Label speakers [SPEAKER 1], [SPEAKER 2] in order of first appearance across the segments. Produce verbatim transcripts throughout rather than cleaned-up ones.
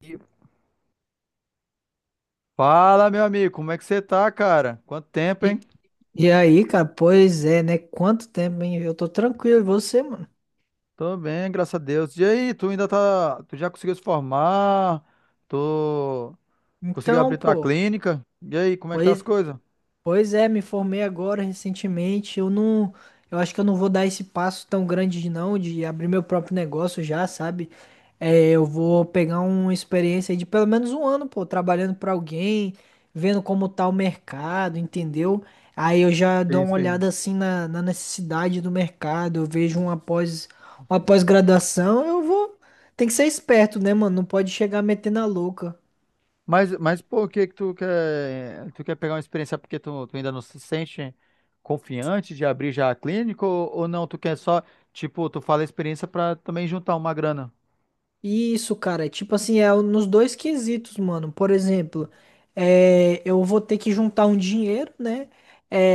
[SPEAKER 1] E Fala, meu amigo, como é que você tá, cara? Quanto tempo,
[SPEAKER 2] E,
[SPEAKER 1] hein?
[SPEAKER 2] e aí, cara, pois é, né? Quanto tempo, hein? Eu tô tranquilo, e você, mano?
[SPEAKER 1] Tô bem, graças a Deus. E aí, tu ainda tá, tu já conseguiu se formar? Tu conseguiu
[SPEAKER 2] Então,
[SPEAKER 1] abrir tua
[SPEAKER 2] pô,
[SPEAKER 1] clínica? E aí, como é que tá as
[SPEAKER 2] pois
[SPEAKER 1] coisas?
[SPEAKER 2] Pois é, me formei agora recentemente. Eu não, eu acho que eu não vou dar esse passo tão grande de não, de abrir meu próprio negócio já, sabe? É, eu vou pegar uma experiência aí de pelo menos um ano, pô, trabalhando para alguém, vendo como tá o mercado, entendeu? Aí eu já dou
[SPEAKER 1] Sim,
[SPEAKER 2] uma
[SPEAKER 1] sim.
[SPEAKER 2] olhada assim na, na necessidade do mercado, eu vejo uma pós, uma pós-graduação, eu vou. Tem que ser esperto, né, mano? Não pode chegar metendo a louca.
[SPEAKER 1] Mas, mas por que que tu quer, tu quer pegar uma experiência porque tu, tu ainda não se sente confiante de abrir já a clínica ou, ou não? Tu quer só, tipo, tu fala a experiência pra também juntar uma grana?
[SPEAKER 2] Isso, cara, é tipo assim, é nos dois quesitos, mano. Por exemplo, é, eu vou ter que juntar um dinheiro, né?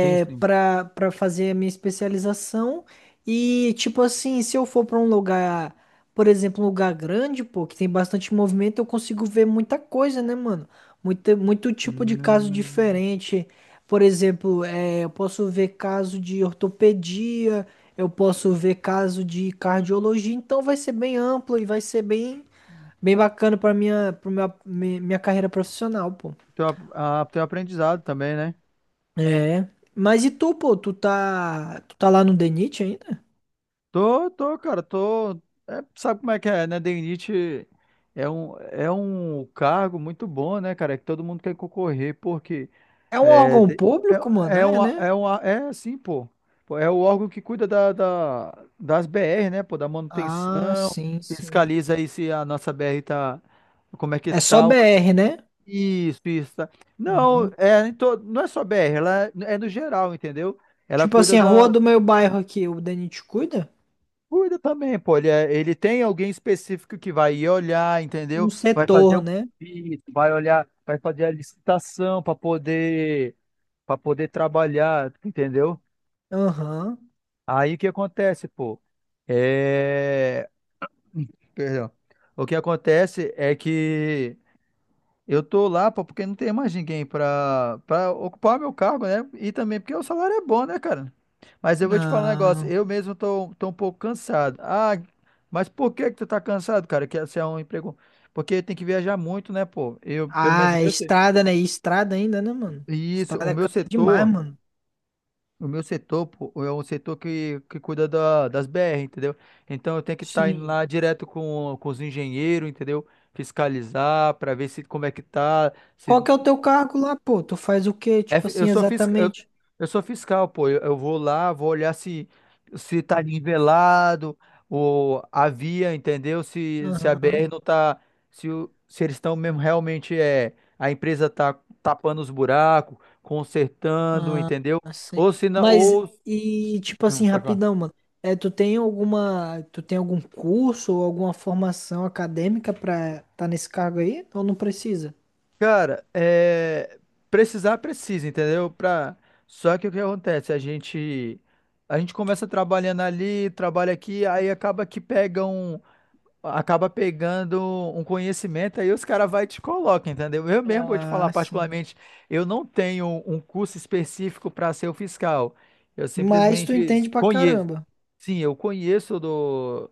[SPEAKER 1] Sim, sim.
[SPEAKER 2] pra, pra fazer a minha especialização. E, tipo assim, se eu for pra um lugar, por exemplo, um lugar grande, pô, que tem bastante movimento, eu consigo ver muita coisa, né, mano? Muito, muito tipo de caso
[SPEAKER 1] Hum,
[SPEAKER 2] diferente. Por exemplo, é, eu posso ver caso de ortopedia. Eu posso ver caso de cardiologia, então vai ser bem amplo e vai ser bem, bem bacana para minha, para minha, mi- minha carreira profissional, pô.
[SPEAKER 1] teu, ap- a, teu aprendizado também, né?
[SPEAKER 2] É. Mas e tu, pô? Tu tá, tu tá lá no DENIT ainda?
[SPEAKER 1] Tô, tô, cara, tô. É, sabe como é que é, né? Denite é um, é um cargo muito bom, né, cara? é Que todo mundo quer concorrer, porque
[SPEAKER 2] É um
[SPEAKER 1] é,
[SPEAKER 2] órgão
[SPEAKER 1] te-
[SPEAKER 2] público,
[SPEAKER 1] é,
[SPEAKER 2] mano?
[SPEAKER 1] é,
[SPEAKER 2] É,
[SPEAKER 1] uma,
[SPEAKER 2] né?
[SPEAKER 1] é, uma, é assim, pô. Pô, é o órgão que cuida da, da- das B R, né, pô? Da
[SPEAKER 2] Ah,
[SPEAKER 1] manutenção,
[SPEAKER 2] sim, sim.
[SPEAKER 1] fiscaliza aí se a nossa B R tá. Como é que
[SPEAKER 2] É só
[SPEAKER 1] tá? o-
[SPEAKER 2] B R, né?
[SPEAKER 1] Isso, isso. Tá. Não,
[SPEAKER 2] Aham.
[SPEAKER 1] é, em to- não é só B R, ela é, é no geral, entendeu? Ela
[SPEAKER 2] Tipo assim,
[SPEAKER 1] cuida
[SPEAKER 2] a rua
[SPEAKER 1] da.
[SPEAKER 2] do meu bairro aqui, o DENIT cuida?
[SPEAKER 1] Cuida também, pô. Ele, é- ele tem alguém específico que vai ir olhar,
[SPEAKER 2] Um
[SPEAKER 1] entendeu? Vai fazer
[SPEAKER 2] setor,
[SPEAKER 1] um
[SPEAKER 2] né?
[SPEAKER 1] pedido, vai olhar, vai fazer a licitação para poder, para poder trabalhar, entendeu?
[SPEAKER 2] Aham.
[SPEAKER 1] Aí o que acontece, pô? É... Perdão. O que acontece é que eu tô lá, pô, porque não tem mais ninguém pra, pra ocupar meu cargo, né? E também porque o salário é bom, né, cara? Mas eu vou te falar um negócio,
[SPEAKER 2] Ah,
[SPEAKER 1] eu mesmo tô, tô um pouco cansado. Ah, mas por que que tu tá cansado, cara? Que esse é um emprego. Porque tem que viajar muito, né, pô? Eu, pelo menos o
[SPEAKER 2] ah, é
[SPEAKER 1] meu setor.
[SPEAKER 2] estrada, né? E estrada ainda, né, mano?
[SPEAKER 1] Isso, o
[SPEAKER 2] Estrada
[SPEAKER 1] meu
[SPEAKER 2] cansa demais,
[SPEAKER 1] setor,
[SPEAKER 2] mano.
[SPEAKER 1] o meu setor, pô, é um setor que, que cuida da, das B R, entendeu? Então eu tenho que estar indo
[SPEAKER 2] Sim.
[SPEAKER 1] lá direto com, com os engenheiros, entendeu? Fiscalizar para ver se como é que tá.
[SPEAKER 2] Qual
[SPEAKER 1] se
[SPEAKER 2] que é o teu cargo lá, pô? Tu faz o quê,
[SPEAKER 1] É
[SPEAKER 2] tipo
[SPEAKER 1] fi- eu
[SPEAKER 2] assim,
[SPEAKER 1] sou fiscal, eu,
[SPEAKER 2] exatamente?
[SPEAKER 1] eu sou fiscal, pô. Eu, eu vou lá, vou olhar se se tá nivelado o a via, entendeu? Se se a
[SPEAKER 2] Aham.
[SPEAKER 1] B R não tá, se o- se eles estão mesmo realmente é a empresa tá tapando os buracos, consertando,
[SPEAKER 2] Ah,
[SPEAKER 1] entendeu?
[SPEAKER 2] assim.
[SPEAKER 1] Ou se não,
[SPEAKER 2] Mas,
[SPEAKER 1] ou
[SPEAKER 2] e tipo
[SPEAKER 1] Hum,
[SPEAKER 2] assim,
[SPEAKER 1] pode falar.
[SPEAKER 2] rapidão, mano. É, tu tem alguma, tu tem algum curso ou alguma formação acadêmica pra tá nesse cargo aí? Ou não precisa?
[SPEAKER 1] Cara, é, precisar precisa, entendeu? Pra... Só que o que acontece? A gente a gente começa trabalhando ali, trabalha aqui, aí acaba que pegam acaba pegando um conhecimento, aí os caras vai e te colocam, entendeu? Eu mesmo vou te falar,
[SPEAKER 2] Ah, sim.
[SPEAKER 1] particularmente, eu não tenho um curso específico para ser o fiscal. Eu
[SPEAKER 2] Mas tu
[SPEAKER 1] simplesmente
[SPEAKER 2] entende pra
[SPEAKER 1] conheço.
[SPEAKER 2] caramba.
[SPEAKER 1] Sim, eu conheço do,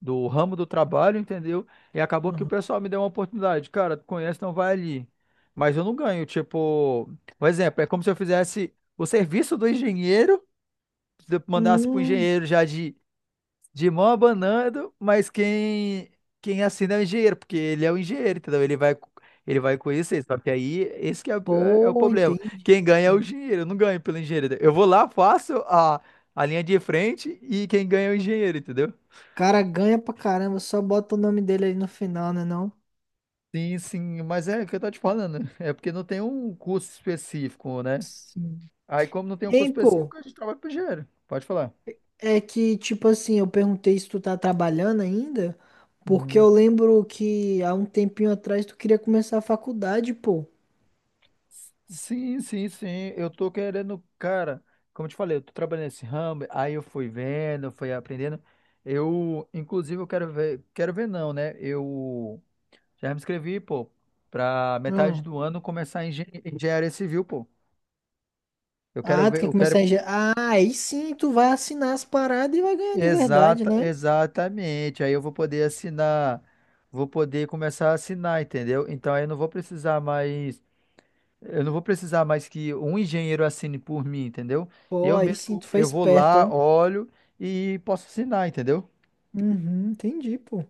[SPEAKER 1] do ramo do trabalho, entendeu? E acabou que o
[SPEAKER 2] Aham.
[SPEAKER 1] pessoal me deu uma oportunidade. Cara, tu conhece, não vai ali. Mas eu não ganho, tipo, por exemplo, é como se eu fizesse o serviço do engenheiro, se eu mandasse pro
[SPEAKER 2] Hum,
[SPEAKER 1] engenheiro já de de mão abanando, mas quem quem assina é o engenheiro, porque ele é o engenheiro, entendeu? Ele vai ele vai conhecer, só que aí esse que é, o- é é o
[SPEAKER 2] pô,
[SPEAKER 1] problema.
[SPEAKER 2] entendi.
[SPEAKER 1] Quem ganha é o
[SPEAKER 2] O
[SPEAKER 1] engenheiro, eu não ganho pelo engenheiro. Eu vou lá, faço a, a linha de frente e quem ganha é o engenheiro, entendeu?
[SPEAKER 2] cara ganha pra caramba, só bota o nome dele aí no final, né não?
[SPEAKER 1] Sim, sim, mas é o que eu tô te falando, é porque não tem um curso específico, né?
[SPEAKER 2] Sim.
[SPEAKER 1] Aí como não tem um curso
[SPEAKER 2] Hein, pô?
[SPEAKER 1] específico, a gente trabalha pro engenheiro. Pode falar.
[SPEAKER 2] É que, tipo assim, eu perguntei se tu tá trabalhando ainda, porque
[SPEAKER 1] Uhum.
[SPEAKER 2] eu lembro que há um tempinho atrás tu queria começar a faculdade, pô.
[SPEAKER 1] Sim, sim, sim. Eu tô querendo, cara, como eu te falei, eu tô trabalhando nesse ramo, aí eu fui vendo, fui aprendendo. Eu, inclusive, eu quero ver, quero ver não, né? Eu já me inscrevi, pô, pra metade
[SPEAKER 2] Hum.
[SPEAKER 1] do ano começar em engen- engenharia civil, pô. Eu quero
[SPEAKER 2] Ah, tu
[SPEAKER 1] ver,
[SPEAKER 2] quer
[SPEAKER 1] eu quero.
[SPEAKER 2] começar a engen... Ah, aí sim tu vai assinar as paradas e vai ganhar de verdade,
[SPEAKER 1] Exata,
[SPEAKER 2] né?
[SPEAKER 1] exatamente. Aí eu vou poder assinar, vou poder começar a assinar, entendeu? Então aí eu não vou precisar mais. Eu não vou precisar mais que um engenheiro assine por mim, entendeu?
[SPEAKER 2] Pô,
[SPEAKER 1] Eu
[SPEAKER 2] aí sim
[SPEAKER 1] mesmo,
[SPEAKER 2] tu foi
[SPEAKER 1] eu vou
[SPEAKER 2] esperto,
[SPEAKER 1] lá,
[SPEAKER 2] ó.
[SPEAKER 1] olho e posso assinar, entendeu?
[SPEAKER 2] Uhum, entendi, pô.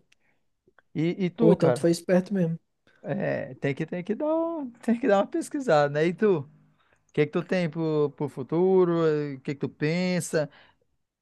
[SPEAKER 1] E, e
[SPEAKER 2] Pô,
[SPEAKER 1] tu,
[SPEAKER 2] então tu
[SPEAKER 1] cara,
[SPEAKER 2] foi esperto mesmo.
[SPEAKER 1] é, tem que, tem que dar, um- tem que dar uma pesquisada, né? E tu, o que é que tu tem pro, pro futuro? O que é que tu pensa?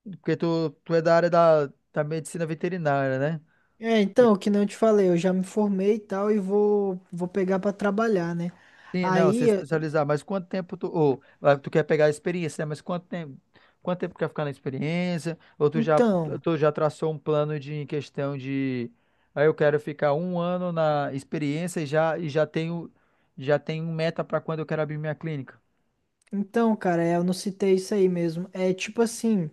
[SPEAKER 1] Porque tu, tu é da área da, da medicina veterinária, né?
[SPEAKER 2] É, então, que nem eu te falei, eu já me formei e tal e vou, vou pegar pra trabalhar, né?
[SPEAKER 1] Sim, não, se
[SPEAKER 2] Aí,
[SPEAKER 1] especializar, mas quanto tempo tu, ou, ah, tu quer pegar a experiência, né? Mas quanto tempo, quanto tempo quer ficar na experiência? Ou tu já,
[SPEAKER 2] então,
[SPEAKER 1] tu já traçou um plano de em questão de, aí eu quero ficar um ano na experiência e já, e já tenho, já tenho meta para quando eu quero abrir minha clínica.
[SPEAKER 2] então, cara, é, eu não citei isso aí mesmo. É tipo assim.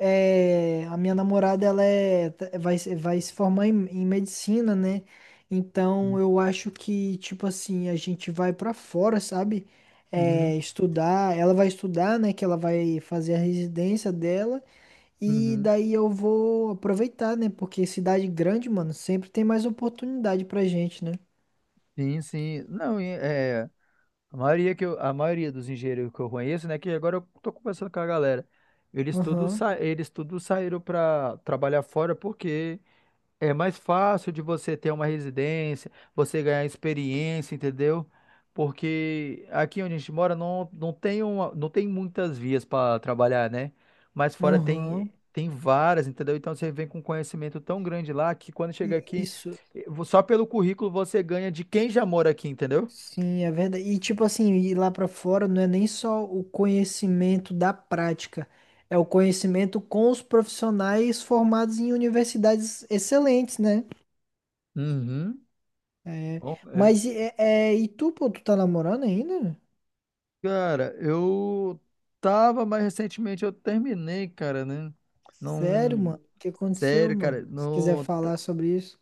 [SPEAKER 2] É, a minha namorada ela é, tá- vai, se- vai se formar em, em medicina, né? Então eu acho que, tipo assim, a gente vai pra fora, sabe?
[SPEAKER 1] Uhum,
[SPEAKER 2] É, estudar, ela vai estudar, né? Que ela vai fazer a residência dela, e
[SPEAKER 1] uhum.
[SPEAKER 2] daí eu vou aproveitar, né? Porque cidade grande, mano, sempre tem mais oportunidade pra gente, né?
[SPEAKER 1] Sim, sim. Não, e, é, a maioria que eu, a maioria dos engenheiros que eu conheço, né, que agora eu tô conversando com a galera, eles todos
[SPEAKER 2] Aham,
[SPEAKER 1] sa, eles todos saíram para trabalhar fora porque é mais fácil de você ter uma residência, você ganhar experiência, entendeu? Porque aqui onde a gente mora não, não tem uma, não tem muitas vias para trabalhar, né? Mas fora tem
[SPEAKER 2] aham.
[SPEAKER 1] tem várias, entendeu? Então você vem com um conhecimento tão grande lá que quando chega aqui,
[SPEAKER 2] Isso.
[SPEAKER 1] eh, vo- só pelo currículo você ganha de quem já mora aqui, entendeu?
[SPEAKER 2] Sim, é verdade. E tipo assim, ir lá pra fora não é nem só o conhecimento da prática, é o conhecimento com os profissionais formados em universidades excelentes, né?
[SPEAKER 1] Uhum.
[SPEAKER 2] É,
[SPEAKER 1] Bom, eh,
[SPEAKER 2] mas e- é, é, e tu, pô, tu tá namorando ainda?
[SPEAKER 1] cara, eu tava, mas recentemente eu terminei, cara, né?
[SPEAKER 2] Sério,
[SPEAKER 1] Não,
[SPEAKER 2] mano? O que aconteceu,
[SPEAKER 1] sério,
[SPEAKER 2] mano?
[SPEAKER 1] cara,
[SPEAKER 2] Se quiser
[SPEAKER 1] não.
[SPEAKER 2] falar sobre isso.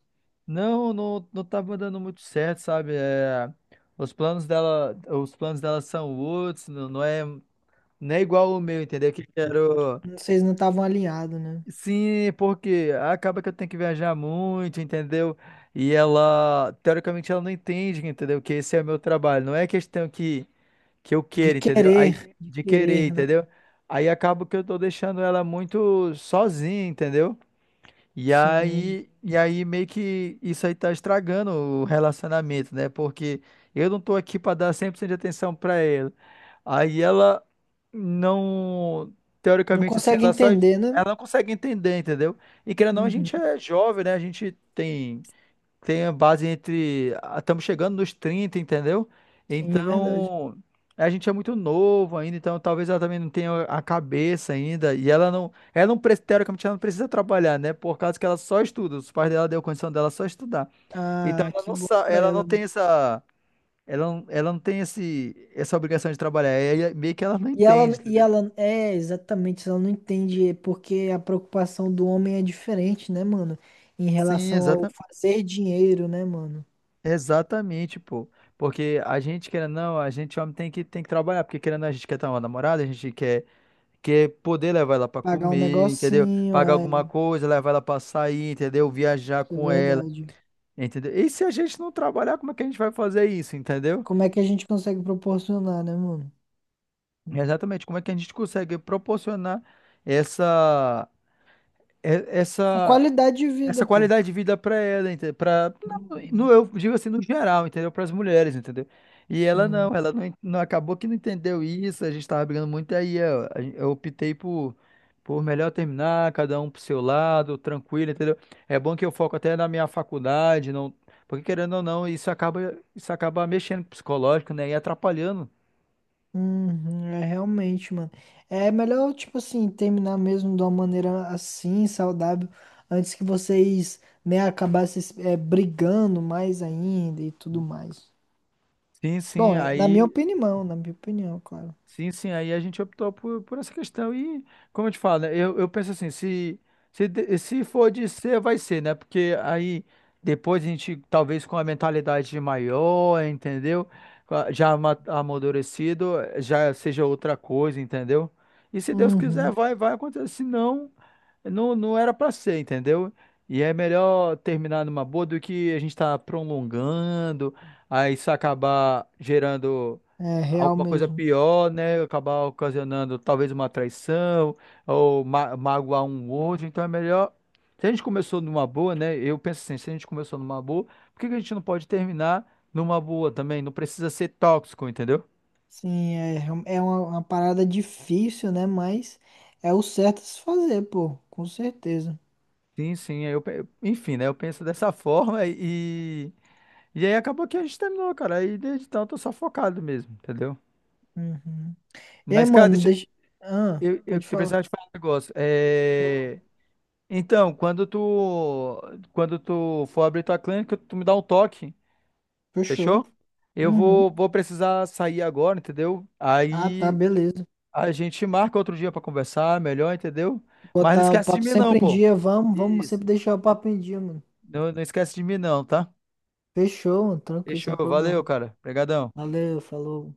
[SPEAKER 1] Não, não, não tá dando muito certo, sabe? É, os planos dela, os planos dela são outros, não, não é, não é igual o meu, entendeu? Que eu quero.
[SPEAKER 2] Não- vocês não estavam alinhados, né?
[SPEAKER 1] Sim, porque acaba que eu tenho que viajar muito, entendeu? E ela, teoricamente, ela não entende, entendeu? Que esse é o meu trabalho. Não é questão que, que eu
[SPEAKER 2] De
[SPEAKER 1] queira, entendeu? Aí,
[SPEAKER 2] querer, de
[SPEAKER 1] de querer,
[SPEAKER 2] querer, né?
[SPEAKER 1] entendeu? Aí acaba que eu tô deixando ela muito sozinha, entendeu? E
[SPEAKER 2] Sim.
[SPEAKER 1] aí, e aí meio que isso aí tá estragando o relacionamento, né? Porque eu não tô aqui pra dar cem por cento de atenção pra ela. Aí ela não,
[SPEAKER 2] Não
[SPEAKER 1] teoricamente assim,
[SPEAKER 2] consegue
[SPEAKER 1] ela só
[SPEAKER 2] entender, né?
[SPEAKER 1] ela não consegue entender, entendeu? E querendo ou não, a gente
[SPEAKER 2] Uhum.
[SPEAKER 1] é jovem, né? A gente tem tem a base entre. ah, Estamos chegando nos trinta, entendeu?
[SPEAKER 2] Sim, é verdade.
[SPEAKER 1] Então, a gente é muito novo ainda, então talvez ela também não tenha a cabeça ainda. E ela não. Ela não, pre- teoricamente, ela não precisa trabalhar, né? Por causa que ela só estuda. Os pais dela deu condição dela só estudar. Então
[SPEAKER 2] Ah,
[SPEAKER 1] ela
[SPEAKER 2] que
[SPEAKER 1] não,
[SPEAKER 2] bom
[SPEAKER 1] sa-
[SPEAKER 2] pra
[SPEAKER 1] ela
[SPEAKER 2] ela,
[SPEAKER 1] não
[SPEAKER 2] né?
[SPEAKER 1] tem essa. Ela não, ela não tem esse, essa obrigação de trabalhar. É, meio que ela não
[SPEAKER 2] E ela,
[SPEAKER 1] entende,
[SPEAKER 2] e
[SPEAKER 1] entendeu?
[SPEAKER 2] ela, é, exatamente, ela não entende porque a preocupação do homem é diferente, né, mano? Em
[SPEAKER 1] Sim,
[SPEAKER 2] relação ao
[SPEAKER 1] exata,
[SPEAKER 2] fazer dinheiro, né, mano?
[SPEAKER 1] exatamente, pô. Porque a gente, querendo ou não, a gente homem tem que, tem que trabalhar, porque querendo ou não, a gente quer ter uma namorada, a gente quer que é poder levar ela para
[SPEAKER 2] Pagar um
[SPEAKER 1] comer, entendeu?
[SPEAKER 2] negocinho,
[SPEAKER 1] Pagar
[SPEAKER 2] é,
[SPEAKER 1] alguma coisa, levar ela para sair, entendeu? Viajar
[SPEAKER 2] isso é
[SPEAKER 1] com ela,
[SPEAKER 2] verdade.
[SPEAKER 1] entendeu? E se a gente não trabalhar, como é que a gente vai fazer isso, entendeu?
[SPEAKER 2] Como é que a gente consegue proporcionar, né, mano?
[SPEAKER 1] Exatamente, como é que a gente consegue proporcionar essa, e-
[SPEAKER 2] A
[SPEAKER 1] essa
[SPEAKER 2] qualidade de
[SPEAKER 1] essa
[SPEAKER 2] vida, pô.
[SPEAKER 1] qualidade de vida para ela, entendeu? Para no
[SPEAKER 2] Uhum,
[SPEAKER 1] eu digo assim no geral, entendeu? Para as mulheres, entendeu? E ela
[SPEAKER 2] sim.
[SPEAKER 1] não, ela não, en- não acabou que não entendeu isso, a gente tava brigando muito aí, eu, a gen- eu optei por por melhor terminar, cada um pro seu lado, tranquilo, entendeu? É bom que eu foco até na minha faculdade, não, porque querendo ou não, isso acaba isso acaba mexendo com o psicológico, né? E atrapalhando.
[SPEAKER 2] Uhum, é realmente, mano. É melhor, tipo assim, terminar mesmo de uma maneira assim, saudável, antes que vocês, né, acabassem, é, brigando mais ainda e tudo mais.
[SPEAKER 1] Sim, sim.
[SPEAKER 2] Bom, é- na minha
[SPEAKER 1] Aí
[SPEAKER 2] opinião, na minha opinião, claro.
[SPEAKER 1] Sim, sim, aí a gente optou por, por essa questão. E, como eu te falo, né, eu, eu penso assim, se, se, de- se for de ser, vai ser, né? Porque aí depois a gente, talvez com a mentalidade maior, entendeu? Com a- Já ama- amadurecido, eh, já seja outra coisa, entendeu? E se Deus quiser,
[SPEAKER 2] Uhum.
[SPEAKER 1] vai, vai acontecer. Se não, não, não era pra ser, entendeu? E é melhor terminar numa boa do que a gente tá prolongando, aí isso acabar gerando
[SPEAKER 2] É real
[SPEAKER 1] alguma coisa
[SPEAKER 2] mesmo.
[SPEAKER 1] pior, né? Acabar ocasionando talvez uma traição ou ma magoar um outro. Então é melhor. Se a gente começou numa boa, né? Eu penso assim, se a gente começou numa boa, por que que a gente não pode terminar numa boa também? Não precisa ser tóxico, entendeu?
[SPEAKER 2] Sim, é, real- é uma, uma parada difícil, né? Mas é o certo a se fazer, pô, com certeza.
[SPEAKER 1] Sim, sim. aí Eu, pe- enfim, né? Eu penso dessa forma e. E aí acabou que a gente terminou, cara. Aí desde então eu tô só focado mesmo, entendeu?
[SPEAKER 2] Uhum. E,
[SPEAKER 1] Mas, cara,
[SPEAKER 2] mano,
[SPEAKER 1] deixa
[SPEAKER 2] deixa. Ah,
[SPEAKER 1] eu, eu, eu
[SPEAKER 2] pode falar.
[SPEAKER 1] precisava te falar um negócio.
[SPEAKER 2] Hum.
[SPEAKER 1] É. Então, quando tu, quando tu for abrir tua clínica, tu me dá um toque, fechou?
[SPEAKER 2] Fechou.
[SPEAKER 1] Eu
[SPEAKER 2] Uhum.
[SPEAKER 1] vou, vou precisar sair agora, entendeu?
[SPEAKER 2] Ah, tá,
[SPEAKER 1] Aí
[SPEAKER 2] beleza.
[SPEAKER 1] a gente marca outro dia pra conversar melhor, entendeu? Mas não
[SPEAKER 2] Botar o
[SPEAKER 1] esquece de
[SPEAKER 2] papo
[SPEAKER 1] mim não,
[SPEAKER 2] sempre em
[SPEAKER 1] pô.
[SPEAKER 2] dia, vamos, vamos
[SPEAKER 1] Isso.
[SPEAKER 2] sempre deixar o papo em dia, mano.
[SPEAKER 1] Não, não esquece de mim não, tá?
[SPEAKER 2] Fechou, mano, tranquilo, sem
[SPEAKER 1] Fechou, valeu,
[SPEAKER 2] problema.
[SPEAKER 1] cara. Obrigadão.
[SPEAKER 2] Valeu, falou.